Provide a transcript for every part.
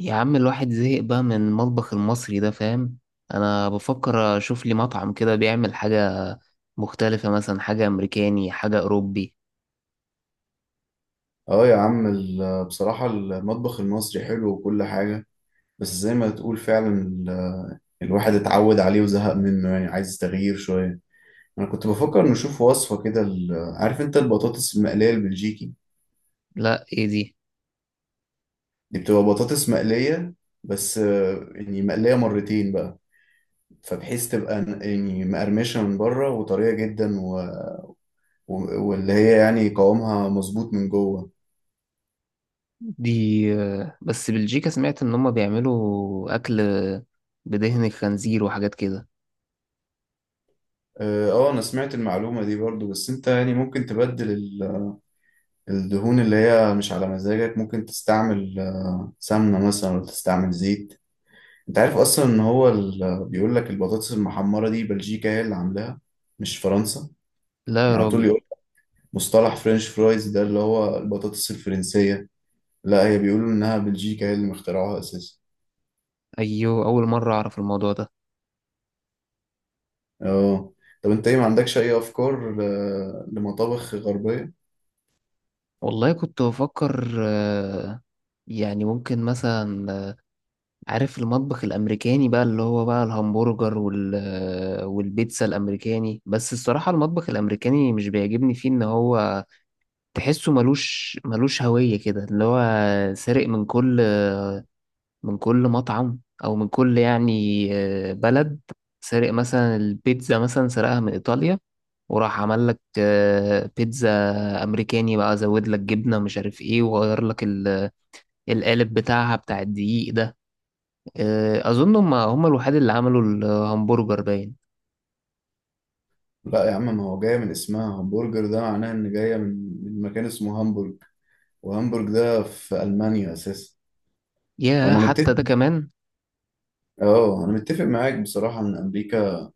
يا عم، الواحد زهق بقى من المطبخ المصري ده، فاهم؟ انا بفكر اشوف لي مطعم كده بيعمل حاجة مختلفة، مثلا حاجة امريكاني، حاجة اوروبي. اه يا عم، بصراحة المطبخ المصري حلو وكل حاجة. بس زي ما تقول فعلا الواحد اتعود عليه وزهق منه، يعني عايز تغيير شوية. أنا كنت بفكر نشوف وصفة كده، عارف أنت البطاطس المقلية البلجيكي؟ لا، ايه دي؟ دي بتبقى بطاطس مقلية، بس يعني مقلية مرتين بقى، فبحيث تبقى يعني مقرمشة من بره وطرية جدا واللي هي يعني قوامها مظبوط من جوه. دي بس بلجيكا، سمعت ان هما بيعملوا اكل بدهن الخنزير وحاجات كده. اه، انا سمعت المعلومة دي برضو، بس انت يعني ممكن تبدل الدهون اللي هي مش على مزاجك، ممكن تستعمل سمنة مثلا أو تستعمل زيت. أنت عارف أصلا إن هو بيقول لك البطاطس المحمرة دي بلجيكا هي اللي عاملاها، مش فرنسا. لا يا يعني على طول راجل. يقول مصطلح فرنش فرايز، ده اللي هو البطاطس الفرنسية. لا، هي بيقولوا إنها بلجيكا هي اللي مخترعوها أساسا. ايوه، اول مرة اعرف الموضوع ده. أه، طب أنت إيه، ما عندكش أي أفكار لمطابخ غربية؟ والله كنت بفكر، يعني ممكن مثلا، عارف المطبخ الامريكاني بقى، اللي هو بقى الهمبرجر والبيتزا الامريكاني. بس الصراحه المطبخ الامريكاني مش بيعجبني، فيه ان هو تحسه ملوش هويه كده، اللي هو سارق من كل مطعم، او من كل يعني بلد. سارق مثلا البيتزا، مثلا سرقها من ايطاليا، وراح عمل لك بيتزا امريكاني بقى، زود لك جبنه مش عارف ايه، وغير لك القالب بتاعها بتاع الدقيق ده. اظن هم الوحيد اللي عملوا الهمبرجر، باين. لا يا عم، ما هو جاية من اسمها همبرجر، ده معناه إن جاية من مكان اسمه هامبورج، وهامبورج ده في ألمانيا أساسا. يا وانا متفق. حتى ده كمان. اه، انا متفق معاك بصراحة، ان امريكا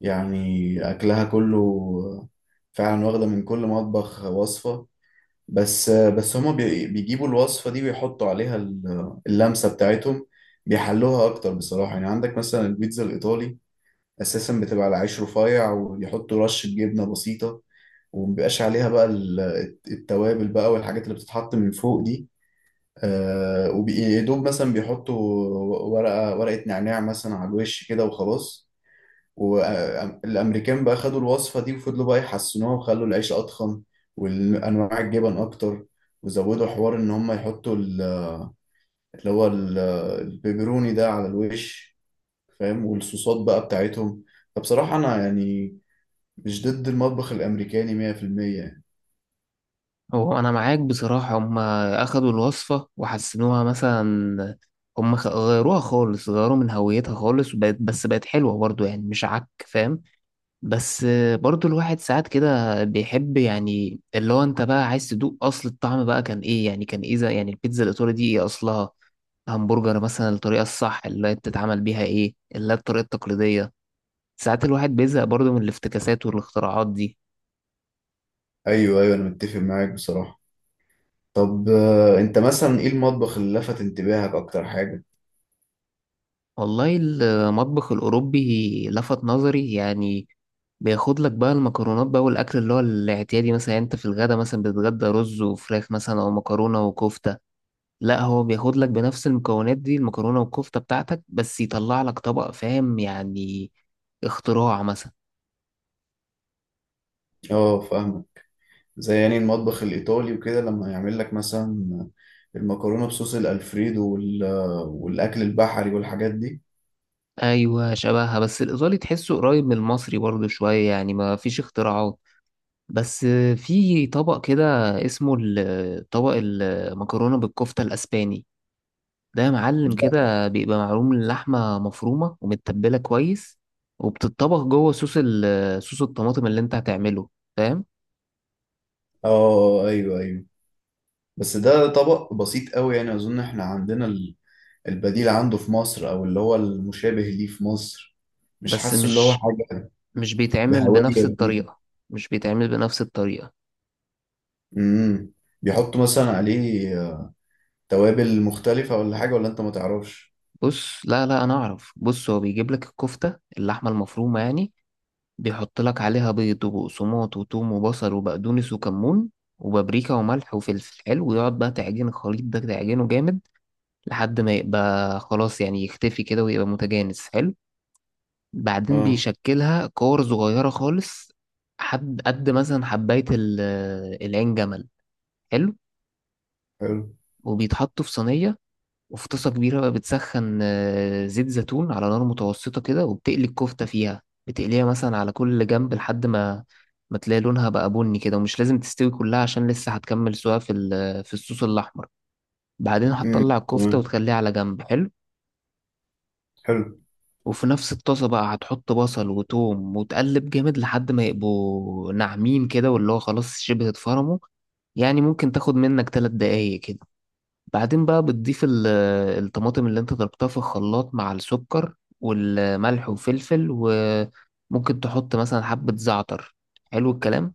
يعني اكلها كله فعلا واخدة من كل مطبخ وصفة. بس هما بيجيبوا الوصفة دي ويحطوا عليها اللمسة بتاعتهم، بيحلوها اكتر بصراحة. يعني عندك مثلا البيتزا الايطالي اساسا بتبقى على عيش رفيع ويحطوا رشة جبنة بسيطة، ومبيبقاش عليها بقى التوابل بقى والحاجات اللي بتتحط من فوق دي. وبيدوب مثلا بيحطوا ورقة ورقة نعناع مثلا على الوش كده وخلاص. والامريكان بقى خدوا الوصفه دي وفضلوا بقى يحسنوها، وخلوا العيش اضخم والانواع الجبن اكتر، وزودوا حوار ان هم يحطوا اللي هو ال- البيبروني ده على الوش، فاهم، والصوصات بقى بتاعتهم. فبصراحه انا يعني مش ضد المطبخ الامريكاني 100% يعني. هو انا معاك بصراحة، هم اخدوا الوصفة وحسنوها، مثلا هم غيروها خالص، غيروا من هويتها خالص، وبقت، بس بقت حلوة برضو، يعني مش عك، فاهم؟ بس برضو الواحد ساعات كده بيحب، يعني اللي هو انت بقى عايز تدوق اصل الطعم بقى كان ايه، يعني كان ايه يعني البيتزا الايطالي دي ايه اصلها؟ همبرجر مثلا، الطريقة الصح اللي هي بتتعمل بيها ايه؟ اللي هي الطريقة التقليدية. ساعات الواحد بيزهق برضه من الافتكاسات والاختراعات دي. ايوه، ايوه، انا متفق معاك بصراحه. طب انت مثلا ايه المطبخ اللي لفت انتباهك اكتر حاجه؟ والله المطبخ الأوروبي لفت نظري، يعني بياخد لك بقى المكرونات بقى، والأكل اللي هو الاعتيادي مثلا، يعني أنت في الغدا مثلا بتتغدى رز وفراخ مثلا، أو مكرونة وكفتة. لا، هو بياخد لك بنفس المكونات دي، المكرونة والكفتة بتاعتك، بس يطلع لك طبق، فاهم يعني؟ اختراع مثلا. اه، فاهم. زي يعني المطبخ الإيطالي وكده، لما يعمل لك مثلا المكرونة بصوص الألفريدو والأكل البحري والحاجات دي. أيوة شبهها، بس الإيطالي تحسه قريب من المصري برضه شوية، يعني ما فيش اختراعات. بس في طبق كده اسمه طبق المكرونة بالكفتة الأسباني. ده يا معلم لا. كده بيبقى معروم، اللحمة مفرومة ومتبلة كويس، وبتتطبخ جوه صوص صوص الطماطم اللي انت هتعمله، فاهم؟ اه، ايوه، ايوه. بس ده طبق بسيط قوي، يعني أظن احنا عندنا البديل عنده في مصر، أو اللي هو المشابه ليه في مصر. مش بس حاسه اللي هو مش حاجة مش بيتعمل بهوية بنفس جديدة. الطريقة. مش بيتعمل بنفس الطريقة. امم بيحطوا مثلا عليه توابل مختلفة، ولا حاجة، ولا أنت ما تعرفش؟ بص، لا لا، انا اعرف. بص، هو بيجيب لك الكفتة، اللحمة المفرومة يعني، بيحط لك عليها بيض وبقسماط وتوم وبصل وبقدونس وكمون وبابريكا وملح وفلفل حلو، ويقعد بقى تعجن الخليط ده، تعجنه جامد لحد ما يبقى خلاص، يعني يختفي كده ويبقى متجانس، حلو. بعدين اه، بيشكلها كور صغيرة خالص، حد قد مثلا حباية العين جمل، حلو. حلو. وبيتحطوا في صينية. وفي طاسة كبيرة بقى بتسخن زيت زيتون على نار متوسطة كده، وبتقلي الكفتة فيها، بتقليها مثلا على كل جنب لحد ما تلاقي لونها بقى بني كده. ومش لازم تستوي كلها عشان لسه هتكمل سواها في الصوص الأحمر. بعدين امم، هتطلع الكفتة تمام، وتخليها على جنب، حلو. حلو. وفي نفس الطاسة بقى هتحط بصل وتوم وتقلب جامد لحد ما يبقوا ناعمين كده، واللي هو خلاص شبه اتفرموا. يعني ممكن تاخد منك 3 دقايق كده. بعدين بقى بتضيف الطماطم اللي انت ضربتها في الخلاط مع السكر والملح وفلفل، وممكن تحط مثلا حبة زعتر، حلو الكلام.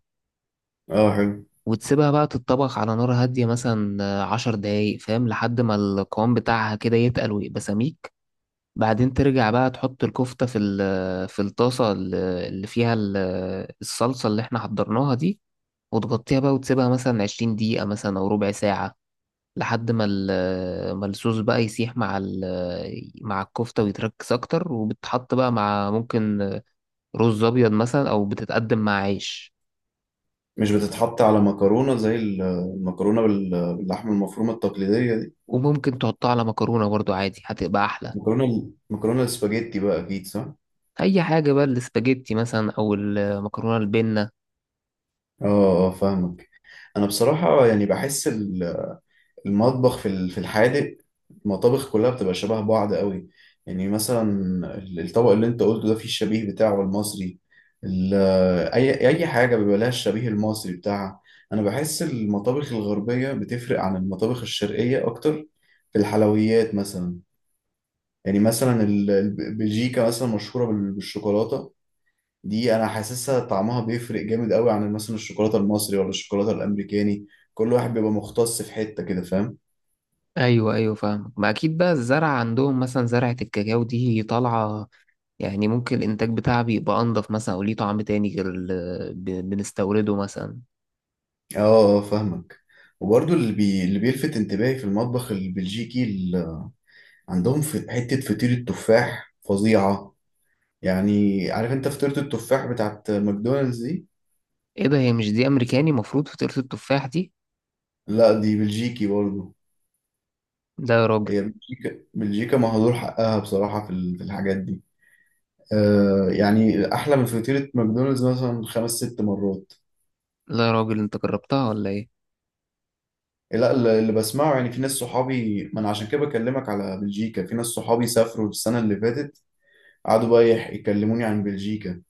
اه، حلو. وتسيبها بقى تتطبخ على نار هادية مثلا 10 دقايق، فاهم؟ لحد ما القوام بتاعها كده يتقل ويبقى سميك. بعدين ترجع بقى تحط الكفتة في الطاسة اللي فيها الصلصة اللي احنا حضرناها دي، وتغطيها بقى، وتسيبها مثلا 20 دقيقة، مثلا أو ربع ساعة، لحد ما الصوص بقى يسيح مع الكفتة، ويتركز أكتر، وبتحط بقى مع، ممكن رز أبيض مثلا، أو بتتقدم مع عيش. مش بتتحط على مكرونة، زي المكرونة باللحمة المفرومة التقليدية دي؟ وممكن تحطها على مكرونة برضو، عادي هتبقى أحلى. مكرونة السباجيتي بقى، أكيد صح؟ أي حاجة بقى، الاسباجيتي مثلا أو المكرونة البنة. اه، اه، فاهمك. أنا بصراحة يعني بحس المطبخ في الحادق، المطابخ كلها بتبقى شبه بعض قوي. يعني مثلا الطبق اللي أنت قلته ده فيه الشبيه بتاعه المصري. ال- أي حاجة بيبقى لها الشبيه المصري بتاعها. أنا بحس المطابخ الغربية بتفرق عن المطابخ الشرقية أكتر في الحلويات مثلا. يعني مثلا بلجيكا مثلا مشهورة بالشوكولاتة دي، أنا حاسسها طعمها بيفرق جامد قوي عن مثلا الشوكولاتة المصري ولا الشوكولاتة الأمريكاني. كل واحد بيبقى مختص في حتة كده، فاهم؟ أيوة أيوة، فاهمك. ما أكيد بقى الزرع عندهم، مثلا زرعة الكاكاو دي طالعة، يعني ممكن الإنتاج بتاعها بيبقى أنضف مثلا، أو ليه طعم تاني غير اللي بنستورده مثلا. اه، فاهمك. وبرضو اللي بيلفت انتباهي في المطبخ البلجيكي عندهم في حتة فطيرة التفاح فظيعة. يعني عارف انت فطيرة التفاح بتاعت ماكدونالدز دي؟ إيه ده؟ هي مش دي أمريكاني مفروض فطيرة التفاح دي؟ لا، دي بلجيكي برضو. لا يا راجل. هي بلجيكا بلجيكا مهدور حقها بصراحة في الحاجات دي. يعني احلى من فطيره ماكدونالدز مثلا خمس ست مرات. لا يا راجل، انت جربتها ولا ايه؟ لا، اللي بسمعه يعني، في ناس صحابي، ما انا عشان كده بكلمك على بلجيكا، في ناس صحابي سافروا السنه اللي فاتت، قعدوا بقى يكلموني عن بلجيكا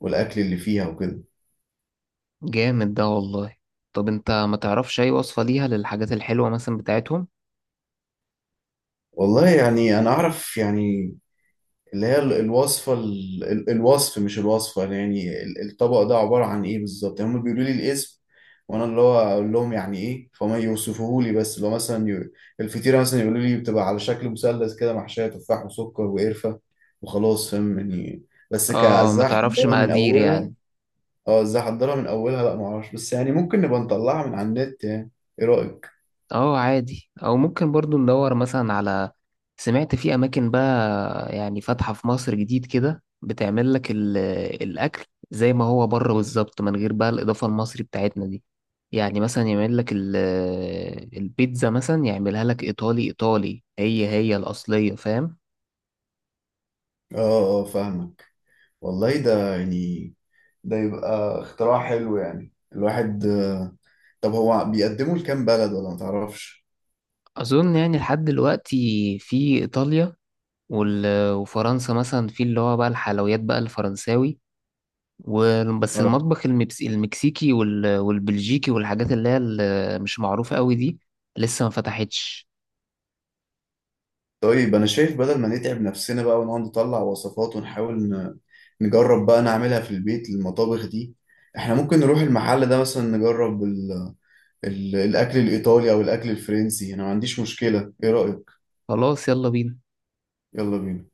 والاكل اللي فيها وكده. جامد ده والله. طب انت ما تعرفش اي وصفة ليها للحاجات الحلوة مثلا بتاعتهم؟ والله يعني انا اعرف يعني، اللي هي الوصفة الوصف، مش الوصفة، يعني الطبق ده عبارة عن ايه بالظبط، يعني هم بيقولوا لي الاسم، وانا اللي هو اقول لهم يعني ايه، فهم يوصفوه لي. بس لو مثلا الفطيرة مثلا، يقولوا لي بتبقى على شكل مثلث كده، محشية تفاح وسكر وقرفة، وخلاص، فاهم يعني. بس اه، ما ازاي تعرفش احضرها من مقادير اولها. يعني؟ اه، ازاي احضرها من اولها، لا معرفش، بس يعني ممكن نبقى نطلعها من على النت يعني، ايه رأيك؟ اه عادي، او ممكن برضو ندور مثلا على، سمعت في اماكن بقى يعني فاتحة في مصر جديد كده بتعمل لك الاكل زي ما هو بره بالظبط، من غير بقى الاضافة المصري بتاعتنا دي. يعني مثلا يعمل لك البيتزا مثلا يعملها لك ايطالي ايطالي، هي هي الاصلية، فاهم؟ اه، اه، فاهمك. والله ده يعني، ده يبقى اختراع حلو. يعني الواحد، طب هو بيقدموا لكام بلد، ولا ما تعرفش؟ أظن يعني لحد دلوقتي في إيطاليا، وفرنسا مثلا، في اللي هو بقى الحلويات بقى الفرنساوي. وبس اه. المطبخ المكسيكي والبلجيكي، والحاجات اللي هي مش معروفة قوي دي، لسه ما فتحتش. طيب انا شايف بدل ما نتعب نفسنا بقى ونقعد نطلع وصفات ونحاول نجرب بقى نعملها في البيت المطابخ دي، احنا ممكن نروح المحل ده مثلا، نجرب الاكل الايطالي او الاكل الفرنسي، انا ما عنديش مشكلة، ايه رأيك؟ خلاص، يلا بينا. يلا بينا.